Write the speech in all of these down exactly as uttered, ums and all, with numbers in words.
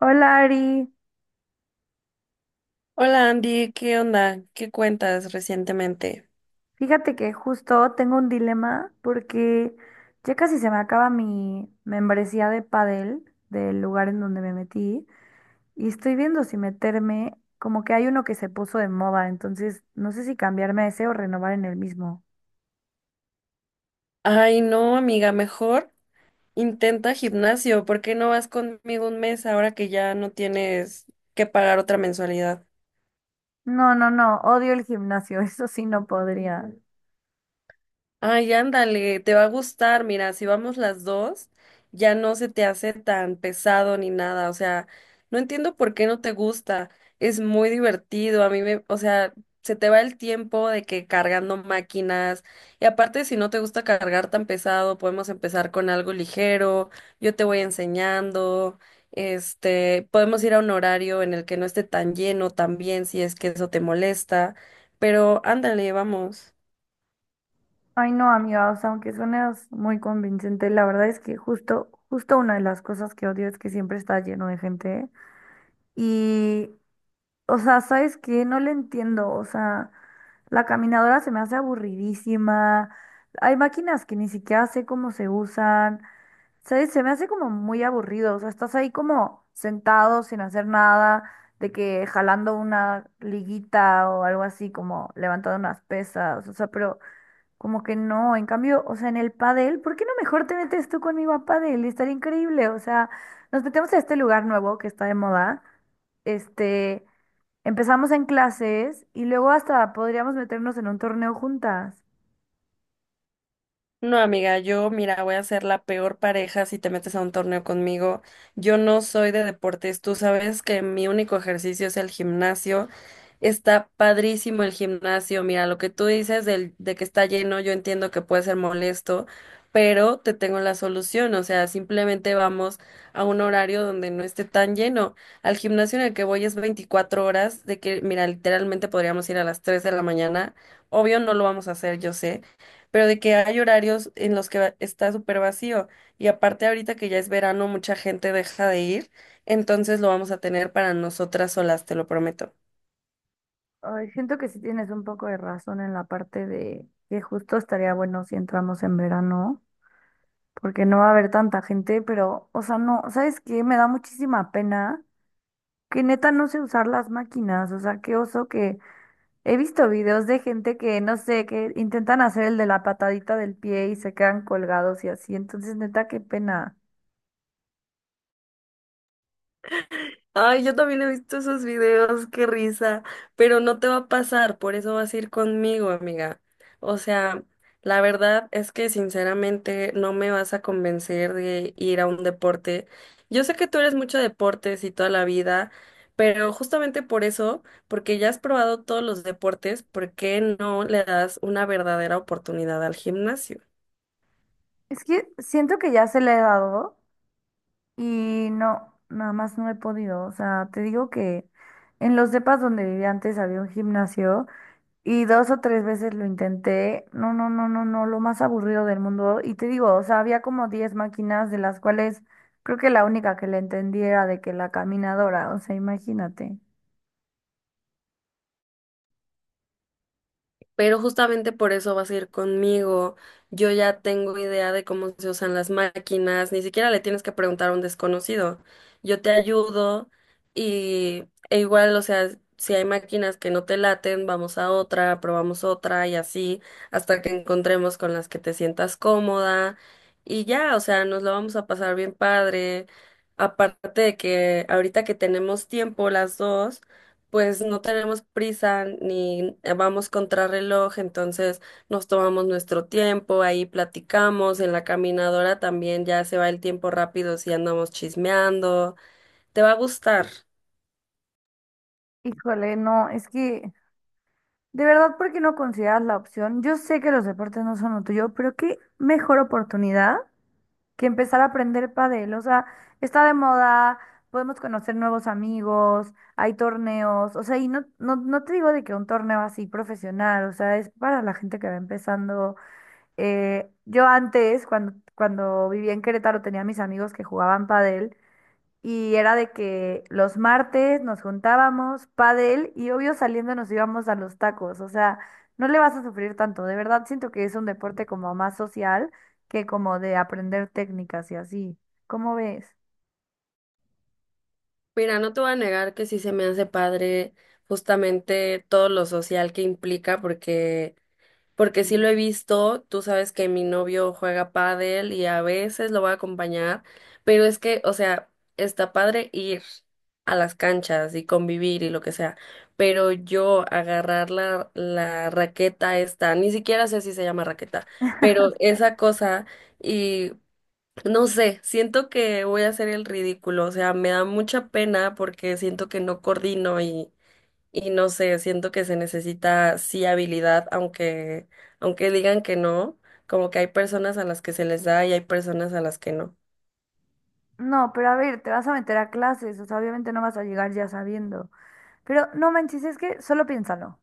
Hola, Ari. Hola Andy, ¿qué onda? ¿Qué cuentas recientemente? Fíjate que justo tengo un dilema porque ya casi se me acaba mi membresía de Padel del lugar en donde me metí, y estoy viendo si meterme, como que hay uno que se puso de moda, entonces no sé si cambiarme a ese o renovar en el mismo. Ay, no, amiga, mejor intenta gimnasio. ¿Por qué no vas conmigo un mes ahora que ya no tienes que pagar otra mensualidad? No, no, no, odio el gimnasio, eso sí no podría. Ay, ándale, te va a gustar. Mira, si vamos las dos, ya no se te hace tan pesado ni nada. O sea, no entiendo por qué no te gusta. Es muy divertido. A mí me, o sea, se te va el tiempo de que cargando máquinas. Y aparte, si no te gusta cargar tan pesado, podemos empezar con algo ligero. Yo te voy enseñando. Este, podemos ir a un horario en el que no esté tan lleno también, si es que eso te molesta. Pero ándale, vamos. Ay no, amiga, o sea, aunque suenes muy convincente, la verdad es que justo, justo una de las cosas que odio es que siempre está lleno de gente. Y O sea, ¿sabes qué? No le entiendo. O sea, la caminadora se me hace aburridísima. Hay máquinas que ni siquiera sé cómo se usan. ¿Sabes? Se me hace como muy aburrido. O sea, estás ahí como sentado sin hacer nada, de que jalando una liguita o algo así, como levantando unas pesas. O sea, pero como que no, en cambio, o sea, en el pádel, ¿por qué no mejor te metes tú conmigo a pádel? Estaría increíble, o sea, nos metemos a este lugar nuevo que está de moda, este, empezamos en clases y luego hasta podríamos meternos en un torneo juntas. No, amiga, yo, mira, voy a ser la peor pareja si te metes a un torneo conmigo. Yo no soy de deportes. Tú sabes que mi único ejercicio es el gimnasio. Está padrísimo el gimnasio. Mira, lo que tú dices del, de que está lleno, yo entiendo que puede ser molesto, pero te tengo la solución. O sea, simplemente vamos a un horario donde no esté tan lleno. Al gimnasio en el que voy es veinticuatro horas, de que, mira, literalmente podríamos ir a las tres de la mañana. Obvio, no lo vamos a hacer, yo sé, pero de que hay horarios en los que va- está súper vacío. Y aparte ahorita que ya es verano, mucha gente deja de ir, entonces lo vamos a tener para nosotras solas, te lo prometo. Ay, siento que sí tienes un poco de razón en la parte de que justo estaría bueno si entramos en verano, porque no va a haber tanta gente, pero, o sea, no, ¿sabes qué? Me da muchísima pena que neta no sé usar las máquinas, o sea, qué oso. Que He visto videos de gente que, no sé, que intentan hacer el de la patadita del pie y se quedan colgados y así. Entonces, neta, qué pena. Ay, yo también he visto esos videos, qué risa, pero no te va a pasar, por eso vas a ir conmigo, amiga. O sea, la verdad es que sinceramente no me vas a convencer de ir a un deporte. Yo sé que tú eres mucho de deportes y toda la vida, pero justamente por eso, porque ya has probado todos los deportes, ¿por qué no le das una verdadera oportunidad al gimnasio? Es que siento que ya se le he dado y no, nada más no he podido. O sea, te digo que en los depas donde vivía antes había un gimnasio y dos o tres veces lo intenté. No, no, no, no, no, lo más aburrido del mundo. Y te digo, o sea, había como diez máquinas de las cuales creo que la única que le entendía era de que la caminadora, o sea, imagínate. Pero justamente por eso vas a ir conmigo. Yo ya tengo idea de cómo se usan las máquinas, ni siquiera le tienes que preguntar a un desconocido. Yo te ayudo y e igual, o sea, si hay máquinas que no te laten, vamos a otra, probamos otra y así hasta que encontremos con las que te sientas cómoda y ya, o sea, nos lo vamos a pasar bien padre. Aparte de que ahorita que tenemos tiempo las dos, pues no tenemos prisa ni vamos contrarreloj, entonces nos tomamos nuestro tiempo, ahí platicamos, en la caminadora también ya se va el tiempo rápido si andamos chismeando, te va a gustar. Híjole, no, es que de verdad, ¿por qué no consideras la opción? Yo sé que los deportes no son lo tuyo, pero qué mejor oportunidad que empezar a aprender pádel. O sea, está de moda, podemos conocer nuevos amigos, hay torneos, o sea, y no, no, no te digo de que un torneo así profesional, o sea, es para la gente que va empezando. Eh, yo antes, cuando, cuando vivía en Querétaro, tenía mis amigos que jugaban pádel, y era de que los martes nos juntábamos, pádel, y obvio saliendo nos íbamos a los tacos. O sea, no le vas a sufrir tanto. De verdad siento que es un deporte como más social que como de aprender técnicas y así. ¿Cómo ves? Mira, no te voy a negar que sí se me hace padre justamente todo lo social que implica, porque porque sí lo he visto, tú sabes que mi novio juega pádel y a veces lo va a acompañar, pero es que, o sea, está padre ir a las canchas y convivir y lo que sea, pero yo agarrar la, la raqueta esta, ni siquiera sé si se llama raqueta, pero esa cosa. Y no sé, siento que voy a hacer el ridículo, o sea, me da mucha pena porque siento que no coordino y no sé, siento que se necesita sí habilidad, aunque, aunque digan que no, como que hay personas a las que se les da y hay personas a las que no. No, pero a ver, te vas a meter a clases, o sea, obviamente no vas a llegar ya sabiendo. Pero no manches, es que solo piénsalo.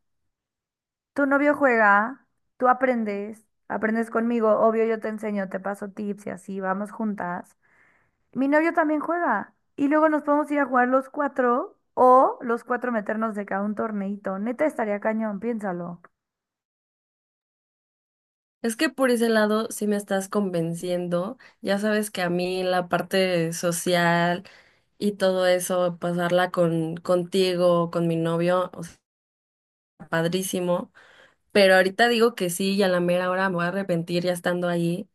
Tu novio juega, tú aprendes, aprendes conmigo, obvio yo te enseño, te paso tips y así, vamos juntas. Mi novio también juega. Y luego nos podemos ir a jugar los cuatro, o los cuatro meternos de cada un torneito. Neta estaría cañón, piénsalo. Es que por ese lado sí me estás convenciendo. Ya sabes que a mí la parte social y todo eso, pasarla con contigo, con mi novio, o sea, padrísimo. Pero ahorita digo que sí y a la mera hora me voy a arrepentir ya estando ahí.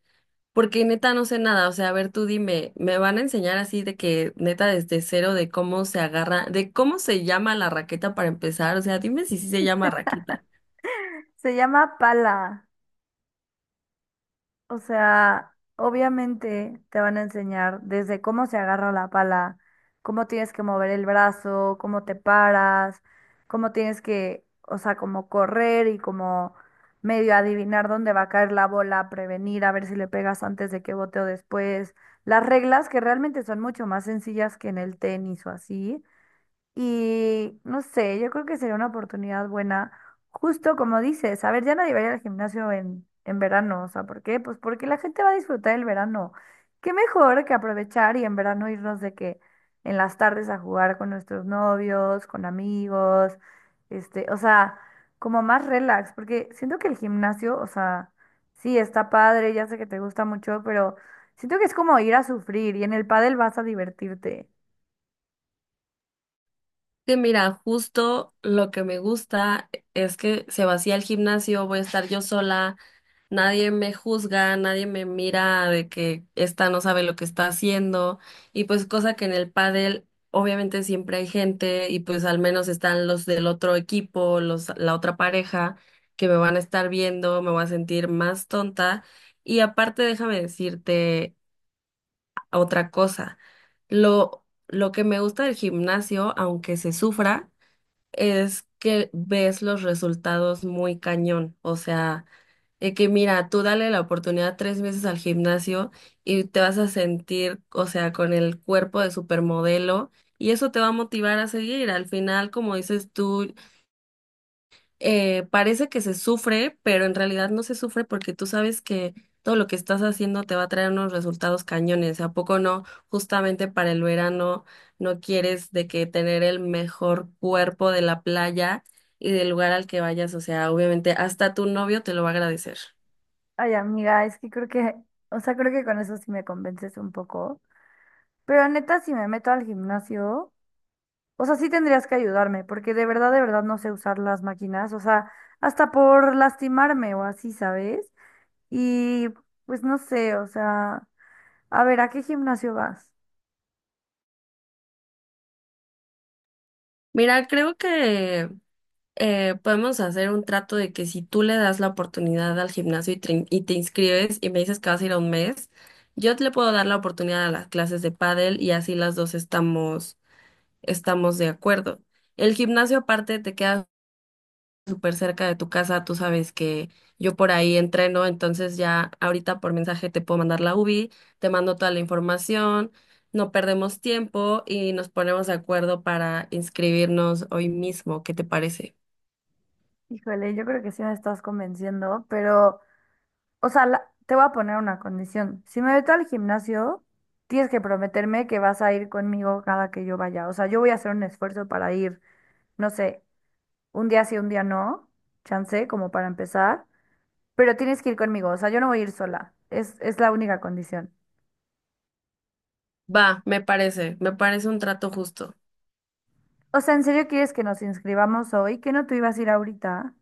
Porque neta no sé nada, o sea, a ver, tú dime, ¿me van a enseñar así de que neta desde cero de cómo se agarra, de cómo se llama la raqueta para empezar? O sea, dime si sí se llama raqueta. Se llama pala. O sea, obviamente te van a enseñar desde cómo se agarra la pala, cómo tienes que mover el brazo, cómo te paras, cómo tienes que, o sea, como correr y como medio adivinar dónde va a caer la bola, prevenir, a ver si le pegas antes de que bote o después. Las reglas que realmente son mucho más sencillas que en el tenis o así, y no sé, yo creo que sería una oportunidad buena, justo como dices, a ver, ya nadie va a ir al gimnasio en, en verano, o sea, ¿por qué? Pues porque la gente va a disfrutar el verano. Qué mejor que aprovechar y en verano irnos de que en las tardes a jugar con nuestros novios, con amigos, este, o sea, como más relax, porque siento que el gimnasio, o sea, sí, está padre, ya sé que te gusta mucho, pero siento que es como ir a sufrir y en el pádel vas a divertirte. Que mira, justo lo que me gusta es que se vacía el gimnasio, voy a estar yo sola, nadie me juzga, nadie me mira de que esta no sabe lo que está haciendo y pues cosa que en el pádel obviamente siempre hay gente y pues al menos están los del otro equipo, los la otra pareja que me van a estar viendo, me voy a sentir más tonta y aparte déjame decirte otra cosa. Lo lo que me gusta del gimnasio, aunque se sufra, es que ves los resultados muy cañón, o sea, de que mira, tú dale la oportunidad tres meses al gimnasio y te vas a sentir, o sea, con el cuerpo de supermodelo y eso te va a motivar a seguir. Al final, como dices tú, eh, parece que se sufre, pero en realidad no se sufre porque tú sabes que todo lo que estás haciendo te va a traer unos resultados cañones. ¿A poco no? Justamente para el verano no quieres de que tener el mejor cuerpo de la playa y del lugar al que vayas. O sea, obviamente hasta tu novio te lo va a agradecer. Ay, amiga, es que creo que, o sea, creo que con eso sí me convences un poco. Pero neta, si me meto al gimnasio, o sea, sí tendrías que ayudarme, porque de verdad, de verdad no sé usar las máquinas, o sea, hasta por lastimarme o así, ¿sabes? Y pues no sé, o sea, a ver, ¿a qué gimnasio vas? Mira, creo que eh, podemos hacer un trato de que si tú le das la oportunidad al gimnasio y te, y te inscribes y me dices que vas a ir a un mes, yo te le puedo dar la oportunidad a las clases de pádel y así las dos estamos, estamos de acuerdo. El gimnasio aparte te queda súper cerca de tu casa, tú sabes que yo por ahí entreno, entonces ya ahorita por mensaje te puedo mandar la UBI, te mando toda la información, no perdemos tiempo y nos ponemos de acuerdo para inscribirnos hoy mismo, ¿qué te parece? Híjole, yo creo que sí me estás convenciendo, pero, o sea, la- te voy a poner una condición. Si me meto al gimnasio, tienes que prometerme que vas a ir conmigo cada que yo vaya. O sea, yo voy a hacer un esfuerzo para ir. No sé, un día sí, un día no, chance, como para empezar, pero tienes que ir conmigo, o sea, yo no voy a ir sola, es, es la única condición. Va, me parece, me parece un trato justo. O sea, ¿en serio quieres que nos inscribamos hoy? ¿Que no tú ibas a ir ahorita?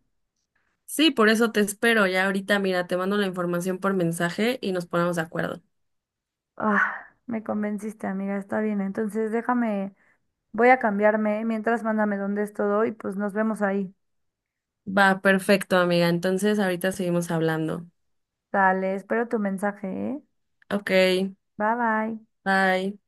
Sí, por eso te espero, ya ahorita mira, te mando la información por mensaje y nos ponemos de acuerdo. Ah, me convenciste, amiga, está bien, entonces déjame, voy a cambiarme, mientras mándame dónde es todo y pues nos vemos ahí. Va, perfecto, amiga, entonces ahorita seguimos hablando. Dale, espero tu mensaje, ¿eh? Ok, Bye bye. bye.